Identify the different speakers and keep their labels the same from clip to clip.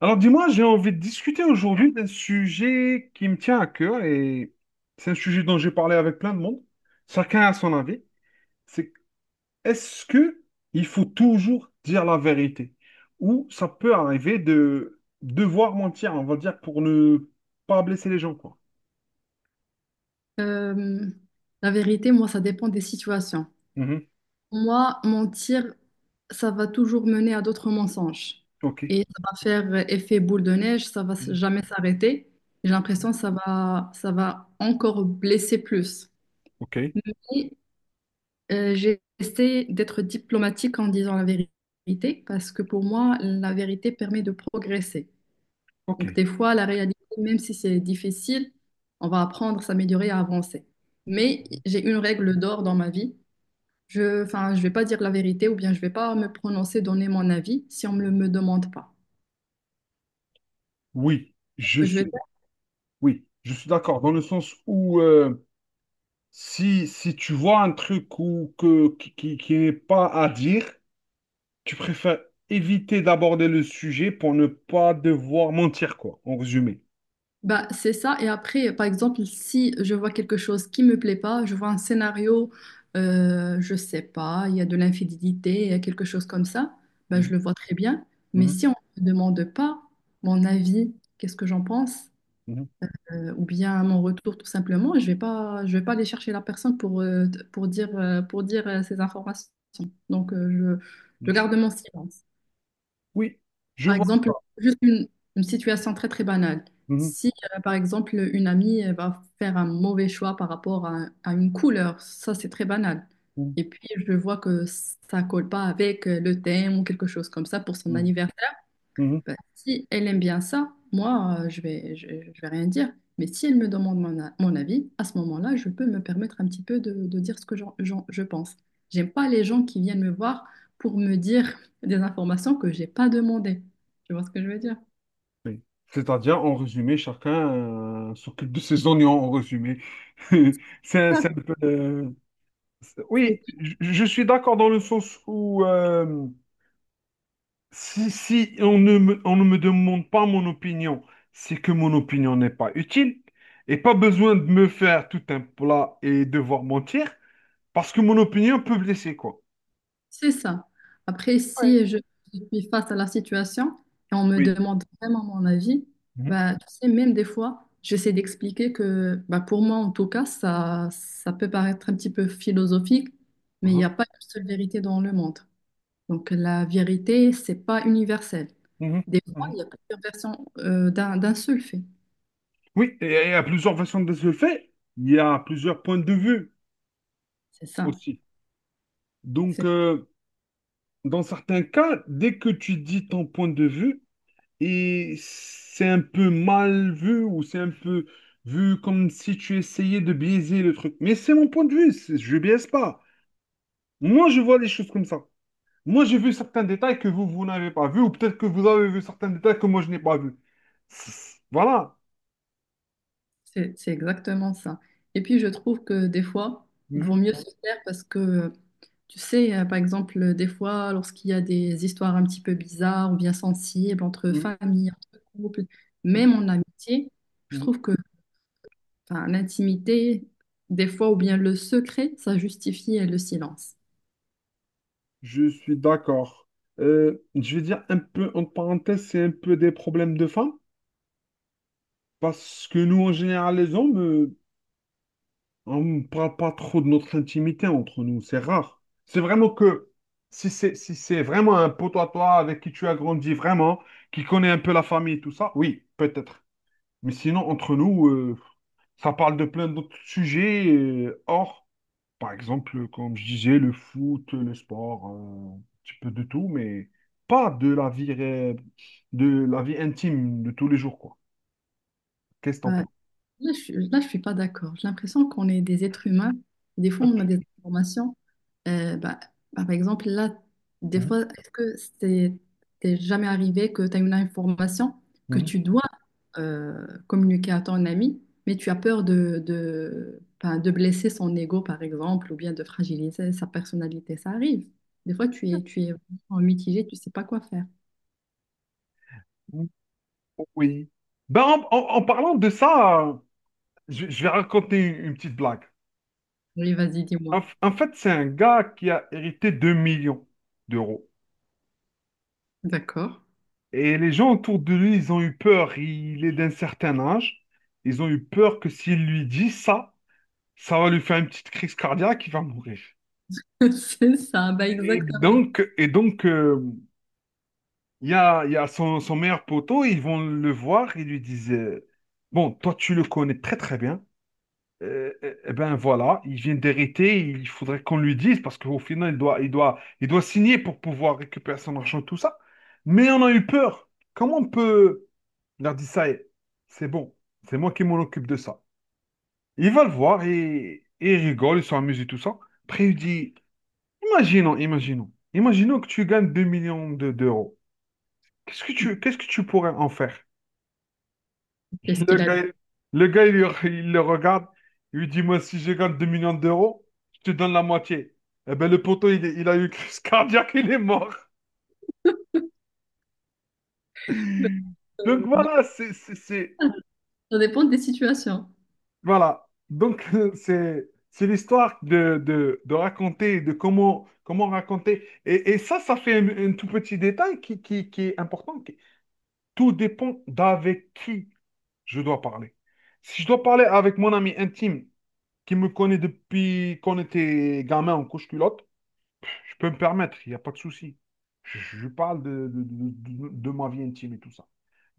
Speaker 1: Alors dis-moi, j'ai envie de discuter aujourd'hui d'un sujet qui me tient à cœur et c'est un sujet dont j'ai parlé avec plein de monde. Chacun a son avis. C'est Est-ce que il faut toujours dire la vérité ou ça peut arriver de devoir mentir, on va dire, pour ne pas blesser les gens, quoi.
Speaker 2: Euh, la vérité, moi, ça dépend des situations.
Speaker 1: Mhm.
Speaker 2: Moi, mentir, ça va toujours mener à d'autres mensonges.
Speaker 1: Ok.
Speaker 2: Et ça va faire effet boule de neige, ça va
Speaker 1: Mhm.
Speaker 2: jamais s'arrêter. J'ai l'impression que ça va encore blesser plus.
Speaker 1: Ok.
Speaker 2: Mais j'essaie d'être diplomatique en disant la vérité, parce que pour moi, la vérité permet de progresser.
Speaker 1: Ok.
Speaker 2: Donc, des fois, la réalité, même si c'est difficile, on va apprendre à s'améliorer, à avancer. Mais j'ai une règle d'or dans ma vie. Enfin, je vais pas dire la vérité ou bien je vais pas me prononcer, donner mon avis si on me demande pas.
Speaker 1: Oui,
Speaker 2: Ce
Speaker 1: je
Speaker 2: que je vais
Speaker 1: suis.
Speaker 2: faire,
Speaker 1: Oui, je suis d'accord dans le sens où si tu vois un truc ou que qui n'est pas à dire. Tu préfères éviter d'aborder le sujet pour ne pas devoir mentir, quoi, en résumé.
Speaker 2: bah, c'est ça. Et après, par exemple, si je vois quelque chose qui me plaît pas, je vois un scénario, je sais pas, il y a de l'infidélité, il y a quelque chose comme ça, bah, je
Speaker 1: Mhm,
Speaker 2: le vois très bien. Mais
Speaker 1: mhm,
Speaker 2: si on me demande pas mon avis, qu'est-ce que j'en pense?
Speaker 1: mhm.
Speaker 2: Ou bien à mon retour tout simplement, et je vais pas aller chercher la personne pour dire ces informations. Donc, je
Speaker 1: Je-
Speaker 2: garde mon silence.
Speaker 1: Oui, je
Speaker 2: Par
Speaker 1: vois ça.
Speaker 2: exemple, juste une, une situation très très banale.
Speaker 1: Mhm,
Speaker 2: Si, par exemple, une amie elle va faire un mauvais choix par rapport à une couleur, ça c'est très banal.
Speaker 1: mhm,
Speaker 2: Et puis, je vois que ça colle pas avec le thème ou quelque chose comme ça pour son anniversaire.
Speaker 1: mhm, mhm.
Speaker 2: Bah, si elle aime bien ça, moi, je vais rien dire. Mais si elle me demande mon avis, à ce moment-là, je peux me permettre un petit peu de dire ce que je pense. J'aime pas les gens qui viennent me voir pour me dire des informations que j'ai pas demandées. Tu vois ce que je veux dire?
Speaker 1: Oui. C'est-à-dire, en résumé, chacun s'occupe de ses oignons, en résumé. C'est
Speaker 2: Ah,
Speaker 1: un peu, Oui, je suis d'accord dans le sens où si on ne me demande pas mon opinion, c'est que mon opinion n'est pas utile et pas besoin de me faire tout un plat et devoir mentir parce que mon opinion peut blesser, quoi.
Speaker 2: c'est ça. Après,
Speaker 1: Ouais.
Speaker 2: si je suis face à la situation et on me
Speaker 1: Oui.
Speaker 2: demande vraiment mon avis,
Speaker 1: Mhm.
Speaker 2: bah, tu sais, même des fois, j'essaie d'expliquer que bah, pour moi, en tout cas, ça peut paraître un petit peu philosophique, mais il n'y
Speaker 1: Mhm.
Speaker 2: a pas une seule vérité dans le monde. Donc, la vérité, c'est pas universel.
Speaker 1: Mhm.
Speaker 2: Des fois,
Speaker 1: Mhm.
Speaker 2: il y a plusieurs versions d'un seul fait.
Speaker 1: Oui, et il y a plusieurs façons de se le faire. Il y a plusieurs points de vue
Speaker 2: C'est ça.
Speaker 1: aussi. Donc,
Speaker 2: C'est
Speaker 1: dans certains cas, dès que tu dis ton point de vue, et c'est un peu mal vu ou c'est un peu vu comme si tu essayais de biaiser le truc. Mais c'est mon point de vue, je biaise pas. Moi, je vois les choses comme ça. Moi, j'ai vu certains détails que vous, vous n'avez pas vu ou peut-être que vous avez vu certains détails que moi, je n'ai pas vu. Voilà.
Speaker 2: c'est exactement ça. Et puis, je trouve que des fois, il vaut
Speaker 1: Mhm,
Speaker 2: mieux se taire parce que tu sais, par exemple, des fois, lorsqu'il y a des histoires un petit peu bizarres ou bien sensibles entre
Speaker 1: mhm,
Speaker 2: famille, entre couple,
Speaker 1: mhm,
Speaker 2: même en amitié, je
Speaker 1: mhm.
Speaker 2: trouve que enfin, l'intimité, des fois, ou bien le secret, ça justifie le silence.
Speaker 1: Je suis d'accord. Je vais dire un peu, en parenthèse, c'est un peu des problèmes de femmes parce que nous, en général, les hommes, on ne parle pas trop de notre intimité entre nous, c'est rare. C'est vraiment que si c'est vraiment un pote à toi avec qui tu as grandi vraiment, qui connaît un peu la famille et tout ça, oui, peut-être. Mais sinon, entre nous, ça parle de plein d'autres sujets, hors, par exemple, comme je disais, le foot, le sport, un petit peu de tout, mais pas de la vie, de la vie intime de tous les jours, quoi. Qu'est-ce que t'en
Speaker 2: Bah,
Speaker 1: penses?
Speaker 2: Là, je suis pas d'accord. J'ai l'impression qu'on est des êtres humains. Des fois, on a des informations. Euh, bah, bah, par exemple, là, des
Speaker 1: Mhm,
Speaker 2: fois, est-ce que c'est t'es jamais arrivé que tu as une information que tu dois communiquer à ton ami, mais tu as peur enfin, de blesser son ego, par exemple, ou bien de fragiliser sa personnalité. Ça arrive. Des fois, tu es en mitigé, tu sais pas quoi faire.
Speaker 1: mhm. Oui. Ben, en parlant de ça, je vais raconter une petite blague.
Speaker 2: Oui, vas-y, dis-moi.
Speaker 1: En fait, c'est un gars qui a hérité 2 millions d'euros.
Speaker 2: D'accord.
Speaker 1: Et les gens autour de lui, ils ont eu peur. Il est d'un certain âge. Ils ont eu peur que s'il lui dit ça, ça va lui faire une petite crise cardiaque, il va mourir.
Speaker 2: C'est ça, bah
Speaker 1: Et
Speaker 2: exactement.
Speaker 1: donc, et donc euh, il y a son meilleur poteau, ils vont le voir, ils lui disent, bon, toi, tu le connais très très bien. Eh ben voilà, il vient d'hériter, il faudrait qu'on lui dise parce qu'au final, il doit signer pour pouvoir récupérer son argent, tout ça. Mais on a eu peur. Comment on peut leur dire ça? Y est, c'est bon, c'est moi qui m'en occupe de ça. Il va le voir et il rigole, ils sont amusés, tout ça. Après, il dit, imaginons que tu gagnes 2 millions d'euros. Qu'est-ce que tu pourrais en faire?
Speaker 2: Qu'est-ce qu'il
Speaker 1: Le
Speaker 2: a dit?
Speaker 1: gars, le gars, il le regarde, il lui dit, moi, si je gagne 2 millions d'euros, je te donne la moitié. Eh ben, le poteau, il a eu une crise cardiaque, il est mort. Donc
Speaker 2: Euh,
Speaker 1: voilà,
Speaker 2: Ça dépend des situations.
Speaker 1: voilà. Donc c'est l'histoire de raconter, de comment raconter. Et ça, ça fait un tout petit détail qui est important. Tout dépend d'avec qui je dois parler. Si je dois parler avec mon ami intime, qui me connaît depuis qu'on était gamin en couche-culotte, je peux me permettre, il n'y a pas de souci. Je parle de ma vie intime et tout ça.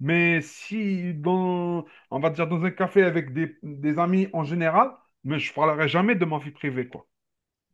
Speaker 1: Mais si, dans, on va dire, dans un café avec des amis en général, mais je parlerai jamais de ma vie privée, quoi.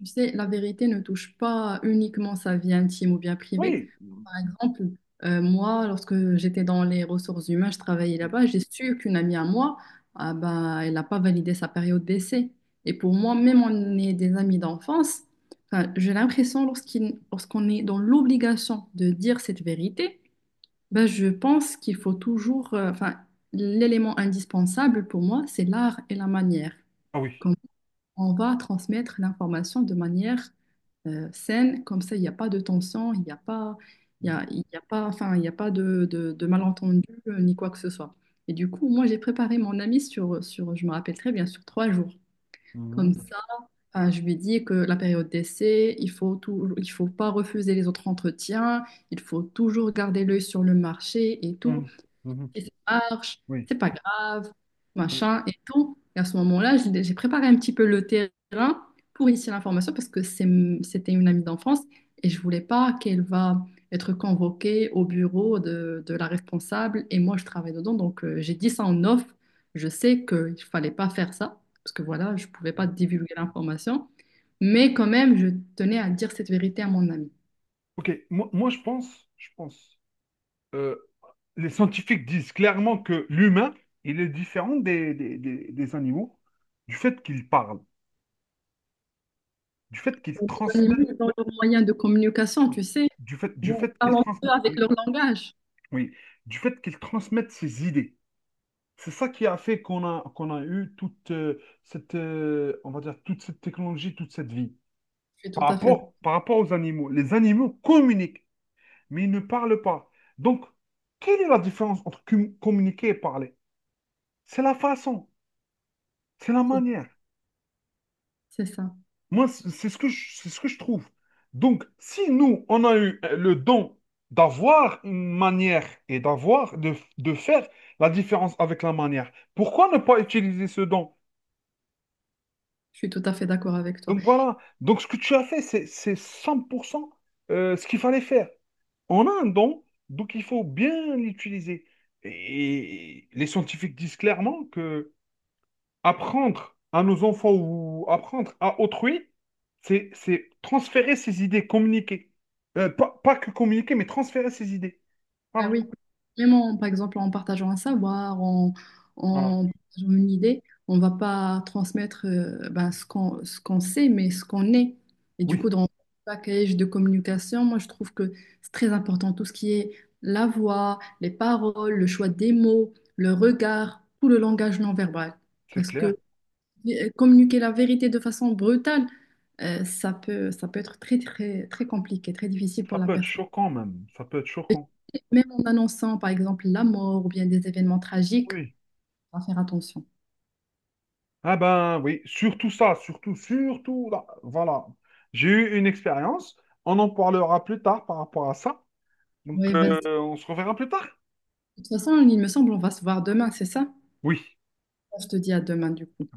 Speaker 2: Tu sais, la vérité ne touche pas uniquement sa vie intime ou bien privée.
Speaker 1: Oui.
Speaker 2: Par exemple, moi, lorsque j'étais dans les ressources humaines, je travaillais là-bas, j'ai su qu'une amie à moi, ah bah, elle n'a pas validé sa période d'essai. Et pour moi, même on est des amis d'enfance, enfin, j'ai l'impression lorsqu'on est dans l'obligation de dire cette vérité, ben, je pense qu'il faut toujours, enfin, l'élément indispensable pour moi, c'est l'art et la manière.
Speaker 1: Ah oui.
Speaker 2: Comme on va transmettre l'information de manière saine, comme ça il n'y a pas de tension, il n'y a pas, il y a pas, enfin, il n'y a pas de malentendu ni quoi que ce soit. Et du coup, moi j'ai préparé mon ami je me rappelle très bien, sur 3 jours. Comme
Speaker 1: Mhm.
Speaker 2: ça, je lui ai dit que la période d'essai, il faut pas refuser les autres entretiens, il faut toujours garder l'œil sur le marché et tout
Speaker 1: Mhm. Mhm. Mhm.
Speaker 2: et ça marche,
Speaker 1: Oui.
Speaker 2: c'est pas grave,
Speaker 1: Oui.
Speaker 2: machin et tout. Et à ce moment-là, j'ai préparé un petit peu le terrain pour initier l'information parce que c'est, c'était une amie d'enfance et je voulais pas qu'elle va être convoquée au bureau de la responsable et moi je travaille dedans. Donc j'ai dit ça en off. Je sais qu'il fallait pas faire ça parce que voilà, je pouvais pas divulguer l'information. Mais quand même, je tenais à dire cette vérité à mon ami.
Speaker 1: Ok, moi, je pense, euh, les scientifiques disent clairement que l'humain, il est différent des animaux du fait qu'il parle. Du fait qu'ils
Speaker 2: Les animaux,
Speaker 1: transmettent,
Speaker 2: ils ont leurs moyens de communication, tu
Speaker 1: oui,
Speaker 2: sais.
Speaker 1: du fait, du
Speaker 2: Bon,
Speaker 1: fait qu'ils
Speaker 2: talentueux
Speaker 1: transmettent,
Speaker 2: avec
Speaker 1: oui,
Speaker 2: leur langage.
Speaker 1: oui, du fait qu'ils transmettent ces idées. C'est ça qui a fait qu'on a eu toute cette, on va dire, toute cette technologie, toute cette vie.
Speaker 2: Je suis
Speaker 1: Par
Speaker 2: tout à fait,
Speaker 1: rapport, par rapport aux animaux, les animaux communiquent, mais ils ne parlent pas. Donc, quelle est la différence entre communiquer et parler? C'est la façon, c'est la
Speaker 2: c'est
Speaker 1: manière.
Speaker 2: c'est ça.
Speaker 1: Moi, c'est ce que je, c'est ce que je trouve. Donc, si nous, on a eu le don d'avoir une manière et d'avoir, de faire la différence avec la manière, pourquoi ne pas utiliser ce don?
Speaker 2: Je suis tout à fait d'accord avec toi.
Speaker 1: Donc voilà. Donc, ce que tu as fait, c'est 100% ce qu'il fallait faire. On a un don, donc il faut bien l'utiliser. Et les scientifiques disent clairement que apprendre à nos enfants ou apprendre à autrui, c'est transférer ses idées, communiquer. Pas que communiquer, mais transférer ses idées.
Speaker 2: Ben
Speaker 1: Voilà,
Speaker 2: oui, par exemple en partageant un savoir, en,
Speaker 1: voilà.
Speaker 2: en partageant une idée, on ne va pas transmettre ben, ce qu'on sait, mais ce qu'on est. Et du
Speaker 1: Oui,
Speaker 2: coup, dans le package de communication, moi je trouve que c'est très important tout ce qui est la voix, les paroles, le choix des mots, le regard, tout le langage non verbal.
Speaker 1: c'est
Speaker 2: Parce
Speaker 1: clair.
Speaker 2: que communiquer la vérité de façon brutale, ça peut être très, très, très compliqué, très difficile pour
Speaker 1: Ça
Speaker 2: la
Speaker 1: peut être
Speaker 2: personne.
Speaker 1: choquant même. Ça peut être choquant.
Speaker 2: Et même en annonçant, par exemple, la mort ou bien des événements tragiques,
Speaker 1: Oui.
Speaker 2: on va faire attention.
Speaker 1: Ah ben oui, surtout ça, surtout, surtout là. Voilà. J'ai eu une expérience. On en parlera plus tard par rapport à ça. Donc,
Speaker 2: Oui, vas-y. De
Speaker 1: on se reverra plus tard.
Speaker 2: toute façon, il me semble, on va se voir demain, c'est ça?
Speaker 1: Oui.
Speaker 2: Je te dis à demain, du coup.